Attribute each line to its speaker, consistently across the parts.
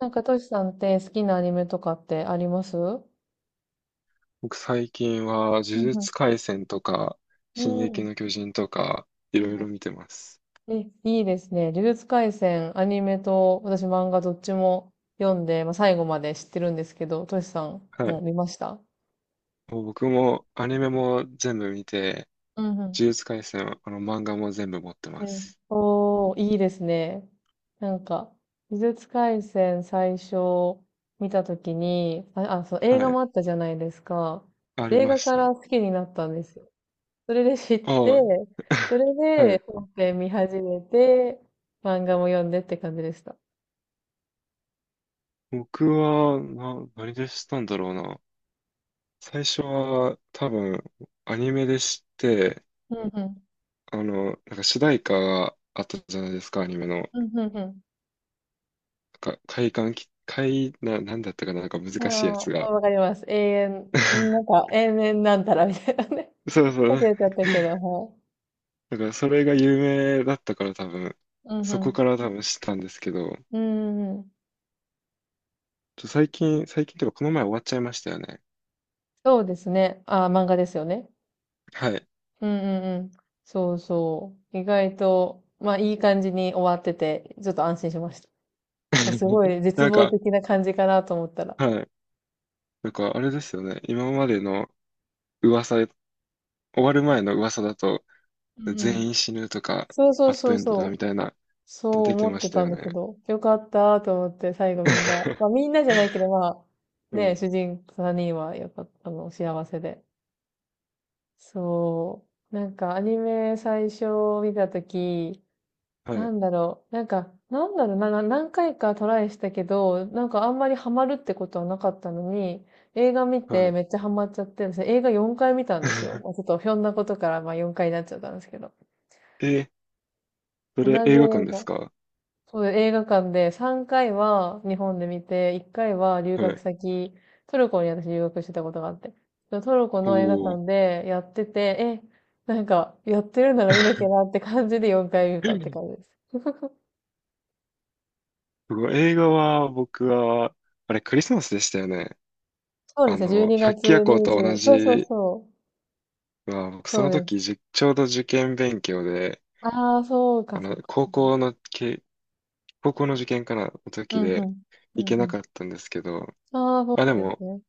Speaker 1: なんか、トシさんって好きなアニメとかってあります？うん
Speaker 2: 僕最近は呪
Speaker 1: うん
Speaker 2: 術廻戦とか、
Speaker 1: う
Speaker 2: 進撃
Speaker 1: ん。
Speaker 2: の巨人とか、い
Speaker 1: うん。
Speaker 2: ろいろ見てます。
Speaker 1: え、いいですね。呪術廻戦、アニメと、私漫画どっちも読んで、まあ、最後まで知ってるんですけど、トシさん
Speaker 2: は
Speaker 1: も
Speaker 2: い。
Speaker 1: 見ました？
Speaker 2: もう僕もアニメも全部見て、
Speaker 1: うんうん。
Speaker 2: 呪術廻戦、漫画も全部持ってま
Speaker 1: うん、
Speaker 2: す。
Speaker 1: おー、いいですね。なんか、呪術廻戦最初見たときに、あ、そう、映
Speaker 2: は
Speaker 1: 画
Speaker 2: い。
Speaker 1: もあったじゃないですか。
Speaker 2: あり
Speaker 1: 映
Speaker 2: ま
Speaker 1: 画
Speaker 2: し
Speaker 1: か
Speaker 2: た。
Speaker 1: ら好きになったんですよ。それで知って、
Speaker 2: ああ、
Speaker 1: そ れ
Speaker 2: は
Speaker 1: で
Speaker 2: い。
Speaker 1: 本編見始めて、漫画も読んでって感じでした。
Speaker 2: 僕は、何で知ったんだろうな。最初は多分アニメで知って、
Speaker 1: うんうん。
Speaker 2: なんか主題歌があったじゃないですか、アニメの。なん
Speaker 1: うんうん
Speaker 2: か、快感き、快、な、なんだったかな、なんか
Speaker 1: うん。
Speaker 2: 難しいや
Speaker 1: あ
Speaker 2: つ
Speaker 1: あ、
Speaker 2: が。
Speaker 1: わかります。なんか 永遠なんたらみたいなね。
Speaker 2: そうそ う。
Speaker 1: 忘れちゃったけど、はい。
Speaker 2: だからそれが有名だったから多分、
Speaker 1: うんう
Speaker 2: そこ
Speaker 1: ん。
Speaker 2: から多分知ったんですけど、
Speaker 1: うんうん。
Speaker 2: ちょ最近、最近というかこの前終わっちゃいましたよね。
Speaker 1: そうですね。ああ、漫画ですよね。
Speaker 2: はい。
Speaker 1: うんうんうん。そうそう。意外と、まあいい感じに終わってて、ちょっと安心しました。もうすご い絶
Speaker 2: なん
Speaker 1: 望
Speaker 2: か、
Speaker 1: 的な感じかなと思ったら。
Speaker 2: はい。なんかあれですよね。今までの噂、終わる前の噂だと、
Speaker 1: うんうん。
Speaker 2: 全員死ぬとか、
Speaker 1: そうそう
Speaker 2: バッ
Speaker 1: そ
Speaker 2: ドエ
Speaker 1: う
Speaker 2: ンドだ
Speaker 1: そ
Speaker 2: み
Speaker 1: う。
Speaker 2: たいな、
Speaker 1: そう
Speaker 2: 出て
Speaker 1: 思っ
Speaker 2: まし
Speaker 1: て
Speaker 2: た
Speaker 1: たん
Speaker 2: よ
Speaker 1: だけ
Speaker 2: ね。
Speaker 1: ど、よかったと思って最後みんな、まあみんなじゃないけど、まあ、
Speaker 2: う
Speaker 1: ね、
Speaker 2: ん。
Speaker 1: 主人3人はよかった、あの、幸せで。そう。なんかアニメ最初見たとき、
Speaker 2: は
Speaker 1: な
Speaker 2: い。
Speaker 1: んだろう、なんか、なんだろうな、何回かトライしたけど、なんかあんまりハマるってことはなかったのに、映画見
Speaker 2: は
Speaker 1: て
Speaker 2: い。
Speaker 1: めっちゃハマっちゃって、私映画4回見たんですよ。まあちょっ とひょんなことからまあ4回になっちゃったんですけど。
Speaker 2: え、そ
Speaker 1: 同
Speaker 2: れ
Speaker 1: じ
Speaker 2: 映画
Speaker 1: 映
Speaker 2: 館です
Speaker 1: 画。
Speaker 2: か？
Speaker 1: そう、映画館で3回は日本で見て、1回は留
Speaker 2: は
Speaker 1: 学
Speaker 2: い。
Speaker 1: 先、トルコに私留学してたことがあって。そのトルコの映画
Speaker 2: おー。
Speaker 1: 館でやってて、え、なんかやってるなら見なき ゃなって感じで4回見たって感じです。
Speaker 2: 僕は映画は僕は、あれクリスマスでしたよね。
Speaker 1: そうで
Speaker 2: あ
Speaker 1: すね、12
Speaker 2: の、百鬼
Speaker 1: 月
Speaker 2: 夜行と同
Speaker 1: 20、そうそう
Speaker 2: じ
Speaker 1: そ
Speaker 2: は、僕
Speaker 1: う、
Speaker 2: そ
Speaker 1: そう
Speaker 2: の
Speaker 1: です。
Speaker 2: 時じちょうど受験勉強で、
Speaker 1: ああ、そう
Speaker 2: あ
Speaker 1: か、そ
Speaker 2: の、
Speaker 1: うか。
Speaker 2: 高校のけ、高校の受験かな、の
Speaker 1: う
Speaker 2: 時
Speaker 1: ん、う
Speaker 2: で
Speaker 1: ん、う
Speaker 2: 行け
Speaker 1: ん、う
Speaker 2: な
Speaker 1: ん。
Speaker 2: かったんですけど、
Speaker 1: ああ、そう
Speaker 2: あ、で
Speaker 1: なんです
Speaker 2: も、
Speaker 1: ね。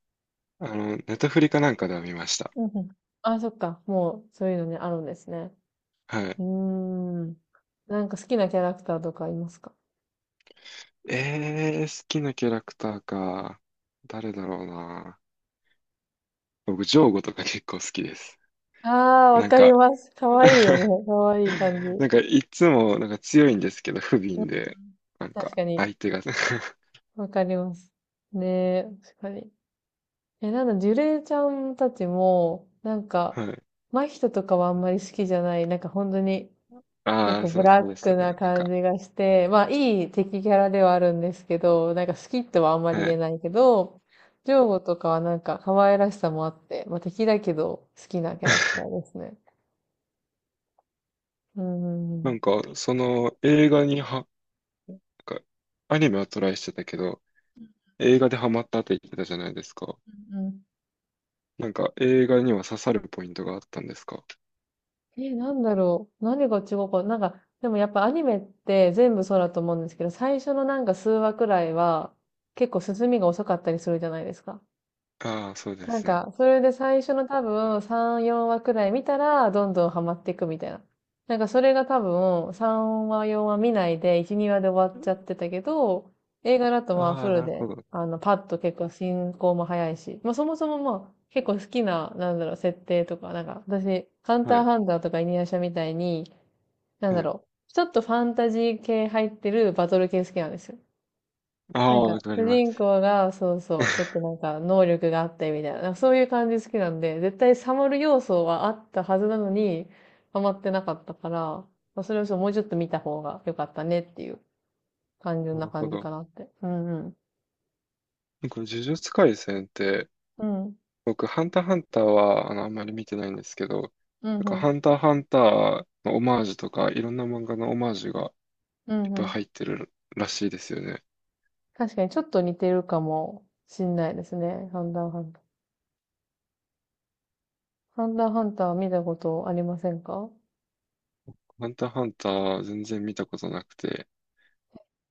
Speaker 2: あの、ネタフリかなんかでは見ました。
Speaker 1: うん、うん。ああ、そっか、もうそういうのね、あるんですね。
Speaker 2: は
Speaker 1: う
Speaker 2: い。
Speaker 1: ーん。なんか好きなキャラクターとかいますか？
Speaker 2: えー、好きなキャラクターか。誰だろうな。僕、ジョーゴとか結構好きです。
Speaker 1: ああ、わ
Speaker 2: なん
Speaker 1: かり
Speaker 2: か
Speaker 1: ます。かわいいよ ね。かわいい感じ。
Speaker 2: なんか、いつも、なんか強いんですけど、不
Speaker 1: うん。
Speaker 2: 憫で、なん
Speaker 1: 確
Speaker 2: か、
Speaker 1: かに。
Speaker 2: 相手が
Speaker 1: わかります。ねえ、確かに。え、なんだ、ジュレイちゃんたちも、なんか、
Speaker 2: はい。
Speaker 1: 真人とかはあんまり好きじゃない。なんか本当に、結
Speaker 2: ああ、
Speaker 1: 構
Speaker 2: そ
Speaker 1: ブ
Speaker 2: う、
Speaker 1: ラッ
Speaker 2: そうでした
Speaker 1: クな
Speaker 2: ね。なん
Speaker 1: 感
Speaker 2: か、
Speaker 1: じがして、まあいい敵キャラではあるんですけど、なんか好きとはあんまり
Speaker 2: は
Speaker 1: 言え
Speaker 2: い。
Speaker 1: ないけど、ジョーゴとかはなんか可愛らしさもあって、まあ敵だけど好きなキャラクターですね。うんう
Speaker 2: な
Speaker 1: ん
Speaker 2: んか、その映画には、なんか、アニメはトライしてたけど、映画でハマったって言ってたじゃないですか。
Speaker 1: うん。
Speaker 2: なんか、映画には刺さるポイントがあったんですか？
Speaker 1: え、なんだろう。何が違うか。なんか、でもやっぱアニメって全部そうだと思うんですけど、最初のなんか数話くらいは結構進みが遅かったりするじゃないですか。
Speaker 2: ああー、そうで
Speaker 1: なん
Speaker 2: すね。
Speaker 1: か、それで最初の多分3、4話くらい見たら、どんどんハマっていくみたいな。なんかそれが多分3話、4話見ないで、1、2話で終わっちゃってたけど、映画だとまあ
Speaker 2: あ
Speaker 1: フ
Speaker 2: あ、
Speaker 1: ル
Speaker 2: なるほ
Speaker 1: で、
Speaker 2: ど。
Speaker 1: あの、パッと結構進行も早いし、まあそもそもまあ結構好きな、なんだろう、設定とか、なんか私、ハン
Speaker 2: は
Speaker 1: ター
Speaker 2: い。
Speaker 1: ハンターとかイニアシャみたいに、なん
Speaker 2: は
Speaker 1: だ
Speaker 2: い。
Speaker 1: ろう、ちょっとファンタジー系入ってるバトル系好きなんですよ。
Speaker 2: あ
Speaker 1: な
Speaker 2: あ、
Speaker 1: んか、
Speaker 2: わか
Speaker 1: 主
Speaker 2: りま
Speaker 1: 人
Speaker 2: す。
Speaker 1: 公が、そうそう、ちょっと なんか、能力があってみたいな、なんかそういう感じ好きなんで、絶対サムる要素はあったはずなのに、ハマってなかったから、まあそれをそうもうちょっと見た方が良かったねっていう単純
Speaker 2: な
Speaker 1: な
Speaker 2: るほ
Speaker 1: 感じ
Speaker 2: ど。
Speaker 1: かなって。うんうん。
Speaker 2: なんか、呪術廻戦って、
Speaker 1: うん。
Speaker 2: 僕、ハンターハンターは、あの、あんまり見てないんですけど、な
Speaker 1: うん
Speaker 2: んか、
Speaker 1: うん。
Speaker 2: ハンターハンターのオマージュとか、いろんな漫画のオマージュが
Speaker 1: う
Speaker 2: いっ
Speaker 1: んう
Speaker 2: ぱい入
Speaker 1: ん。
Speaker 2: ってるらしいですよね。
Speaker 1: 確かにちょっと似てるかもしんないですね。ハンターハンター。ハンターハンターは見たことありませんか？
Speaker 2: ハンターハンター、全然見たことなくて。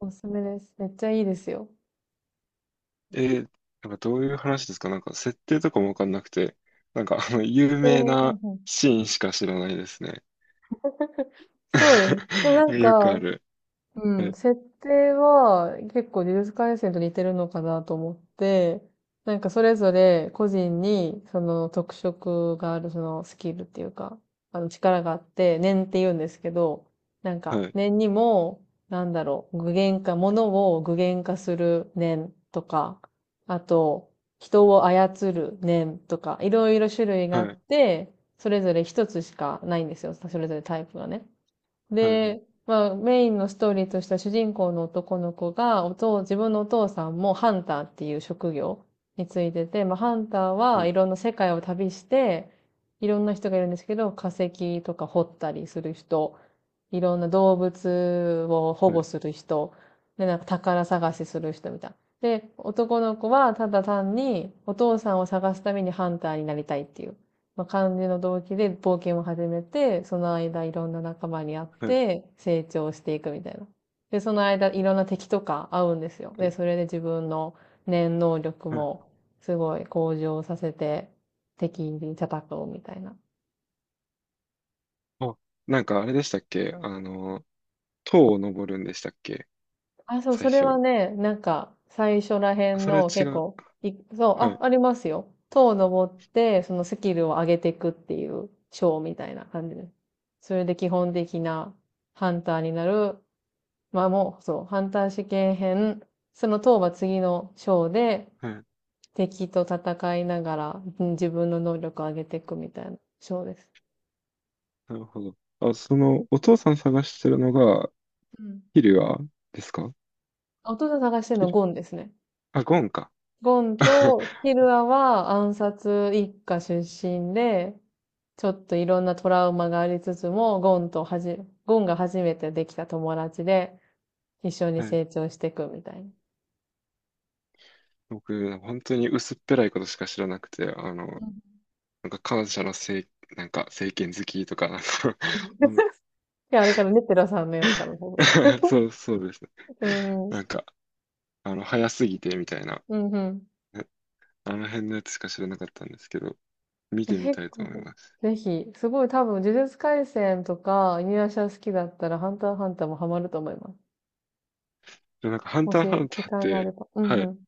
Speaker 1: おすすめです。めっちゃいいですよ。
Speaker 2: えー、なんかどういう話ですか？なんか、設定とかもわかんなくて、なんか、あの、有
Speaker 1: で、
Speaker 2: 名
Speaker 1: う
Speaker 2: な
Speaker 1: んうん。
Speaker 2: シーンしか知らないですね。
Speaker 1: そうです。でも なん
Speaker 2: よく
Speaker 1: か、
Speaker 2: ある。
Speaker 1: う
Speaker 2: は
Speaker 1: ん、
Speaker 2: い、
Speaker 1: 設定は結構呪術廻戦と似てるのかなと思って、なんかそれぞれ個人にその特色があるそのスキルっていうか、あの力があって、念って言うんですけど、なんか
Speaker 2: はい、
Speaker 1: 念にも、なんだろう、具現化、物を具現化する念とか、あと、人を操る念とか、いろいろ種類が
Speaker 2: は
Speaker 1: あっ
Speaker 2: い、
Speaker 1: て、それぞれ一つしかないんですよ。それぞれタイプがね。
Speaker 2: はい、はい、
Speaker 1: で、まあ、メインのストーリーとしては主人公の男の子が、自分のお父さんもハンターっていう職業についてて、まあ、ハンター
Speaker 2: は
Speaker 1: は
Speaker 2: い、
Speaker 1: いろんな世界を旅して、いろんな人がいるんですけど、化石とか掘ったりする人、いろんな動物を保
Speaker 2: はい、
Speaker 1: 護する人、で、なんか宝探しする人みたいな。で、男の子はただ単にお父さんを探すためにハンターになりたいっていう。まあ、感じの動機で冒険を始めて、その間いろんな仲間に会っ
Speaker 2: は
Speaker 1: て成長していくみたいな。で、その間いろんな敵とか会うんですよ。で、そ
Speaker 2: い。
Speaker 1: れで自分の念能力
Speaker 2: はい。
Speaker 1: もすごい向上させて敵に叩こうみたいな。
Speaker 2: あ、なんかあれでしたっけ？あの、塔を登るんでしたっけ？
Speaker 1: あ、そう、
Speaker 2: 最
Speaker 1: それは
Speaker 2: 初。
Speaker 1: ね、なんか最初らへ
Speaker 2: あ、
Speaker 1: ん
Speaker 2: それは
Speaker 1: の
Speaker 2: 違
Speaker 1: 結
Speaker 2: う。
Speaker 1: 構、そう、
Speaker 2: は
Speaker 1: あ、
Speaker 2: い。
Speaker 1: ありますよ。塔を登ってそのスキルを上げていくっていう章みたいな感じです。それで基本的なハンターになる、まあもう、そう、ハンター試験編、その当は次の章で、
Speaker 2: はい。
Speaker 1: 敵と戦いながら、うん、自分の能力を上げていくみたいな章です。
Speaker 2: なるほど。あ、その、お父さん探してるのが、
Speaker 1: うん、
Speaker 2: キリュアですか？
Speaker 1: 弟探してるの
Speaker 2: キ
Speaker 1: は
Speaker 2: リュ、
Speaker 1: ゴンですね。
Speaker 2: あ、ゴンか。
Speaker 1: ゴンと ヒルアは暗殺一家出身で、ちょっといろんなトラウマがありつつも、ゴンとはじ、ゴンが初めてできた友達で、一緒に
Speaker 2: はい。
Speaker 1: 成長していくみたいな。
Speaker 2: 僕、本当に薄っぺらいことしか知らなくて、あの、
Speaker 1: うん。
Speaker 2: なんか感謝のせい、なんか政権好きとか、なんか うん
Speaker 1: いや、あれからね、テラさんのやつから。
Speaker 2: そうそうです。
Speaker 1: う
Speaker 2: な
Speaker 1: ん。
Speaker 2: んか、あの、早すぎてみたいな、
Speaker 1: うんうん。
Speaker 2: え、あの辺のやつしか知らなかったんですけど、見
Speaker 1: え、
Speaker 2: てみた
Speaker 1: 結
Speaker 2: いと思い
Speaker 1: 構、
Speaker 2: ます。
Speaker 1: ぜひ、すごい多分、呪術廻戦とか、犬夜叉好きだったら、ハンターハンターもハマると思います。
Speaker 2: でもなんか、ハン
Speaker 1: も
Speaker 2: タ
Speaker 1: し、
Speaker 2: ーハンタ
Speaker 1: 時
Speaker 2: ーっ
Speaker 1: 間があ
Speaker 2: て、
Speaker 1: れば。うん
Speaker 2: は
Speaker 1: う
Speaker 2: い。
Speaker 1: ん。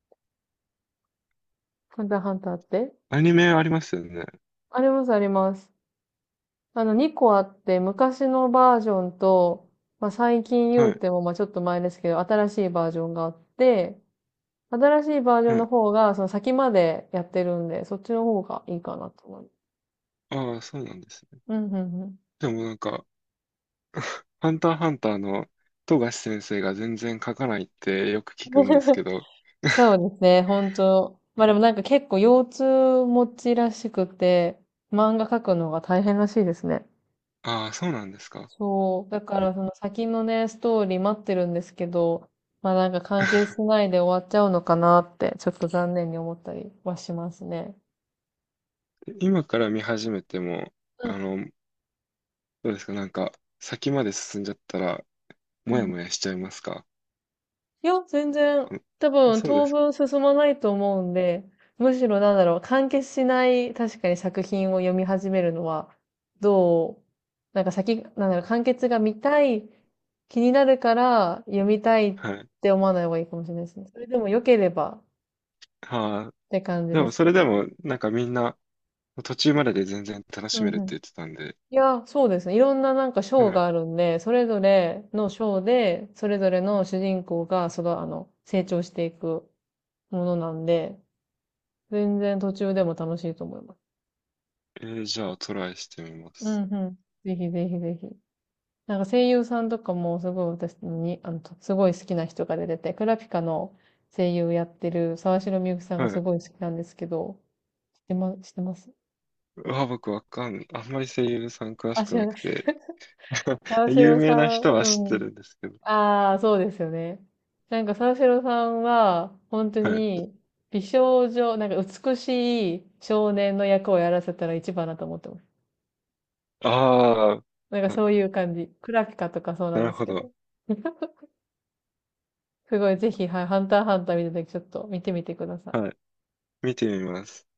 Speaker 1: ハンターハンターって、
Speaker 2: アニメありますよね。
Speaker 1: あります、あります。あの、2個あって、昔のバージョンと、まあ、最近言
Speaker 2: は
Speaker 1: う
Speaker 2: い。
Speaker 1: ても、まあ、ちょっと前ですけど、新しいバージョンがあって、新しいバージョン
Speaker 2: は
Speaker 1: の
Speaker 2: い。
Speaker 1: 方が、その先までやってるんで、そっちの方がいいかなと思います。
Speaker 2: ああ、そうなんですね。
Speaker 1: うんうんうん。
Speaker 2: でもなんか、ハンターハンターの富樫先生が全然書かないってよく聞くんですけ ど、
Speaker 1: そ うですね、本当。まあでもなんか結構腰痛持ちらしくて、漫画描くのが大変らしいですね。
Speaker 2: ああ、そうなんですか。
Speaker 1: そう。だからその先のね、ストーリー待ってるんですけど、まあなんか完結し ないで終わっちゃうのかなって、ちょっと残念に思ったりはしますね。
Speaker 2: 今から見始めても、
Speaker 1: うん
Speaker 2: あの、どうですか、なんか、先まで進んじゃったら、
Speaker 1: う
Speaker 2: もやも
Speaker 1: ん、
Speaker 2: やしちゃいますか？
Speaker 1: いや、全然、
Speaker 2: この、
Speaker 1: 多
Speaker 2: あ、
Speaker 1: 分
Speaker 2: そうで
Speaker 1: 当
Speaker 2: すか。
Speaker 1: 分進まないと思うんで、むしろなんだろう、完結しない確かに作品を読み始めるのは、どう、なんか先、なんだろう、完結が見たい、気になるから読みたいっ
Speaker 2: はい。
Speaker 1: て思わない方がいいかもしれないですね。それでも良ければっ
Speaker 2: はあ、
Speaker 1: て感じ
Speaker 2: で
Speaker 1: で
Speaker 2: も、
Speaker 1: す
Speaker 2: そ
Speaker 1: け
Speaker 2: れで
Speaker 1: ど。
Speaker 2: も、なんかみんな、途中までで全然楽
Speaker 1: う
Speaker 2: しめる
Speaker 1: ん
Speaker 2: っ
Speaker 1: う
Speaker 2: て
Speaker 1: ん。
Speaker 2: 言ってたんで、
Speaker 1: いや、そうですね。いろんななんか章
Speaker 2: はい。
Speaker 1: があるんで、それぞれの章で、それぞれの主人公が、その、あの、成長していくものなんで、全然途中でも楽しいと思います。
Speaker 2: えー、じゃあ、トライしてみま
Speaker 1: う
Speaker 2: す。
Speaker 1: んうん。ぜひぜひぜひ。なんか声優さんとかもすごい私に、あの、とすごい好きな人が出てて、クラピカの声優やってる沢城みゆきさんが
Speaker 2: は
Speaker 1: す
Speaker 2: い。
Speaker 1: ごい好きなんですけど、知ってます？
Speaker 2: うわ、僕わかん、あんまり声優さん詳
Speaker 1: あ、
Speaker 2: しく
Speaker 1: 知ら
Speaker 2: な
Speaker 1: な
Speaker 2: く
Speaker 1: い。
Speaker 2: て、
Speaker 1: 沢
Speaker 2: 有
Speaker 1: 城
Speaker 2: 名な
Speaker 1: さ
Speaker 2: 人
Speaker 1: ん、う
Speaker 2: は知って
Speaker 1: ん。
Speaker 2: るんですけど。
Speaker 1: ああ、そうですよね。なんか沢城さんは、本当
Speaker 2: はい。
Speaker 1: に、美少女、なんか美しい少年の役をやらせたら一番だと思ってます。
Speaker 2: ああ、
Speaker 1: なんかそういう感じ。クラピカとかそうな
Speaker 2: な
Speaker 1: ん
Speaker 2: る
Speaker 1: です
Speaker 2: ほ
Speaker 1: け
Speaker 2: ど。
Speaker 1: ど。すごい、ぜひ、はい、ハンターハンター見たときちょっと見てみてください。
Speaker 2: はい。見てみます。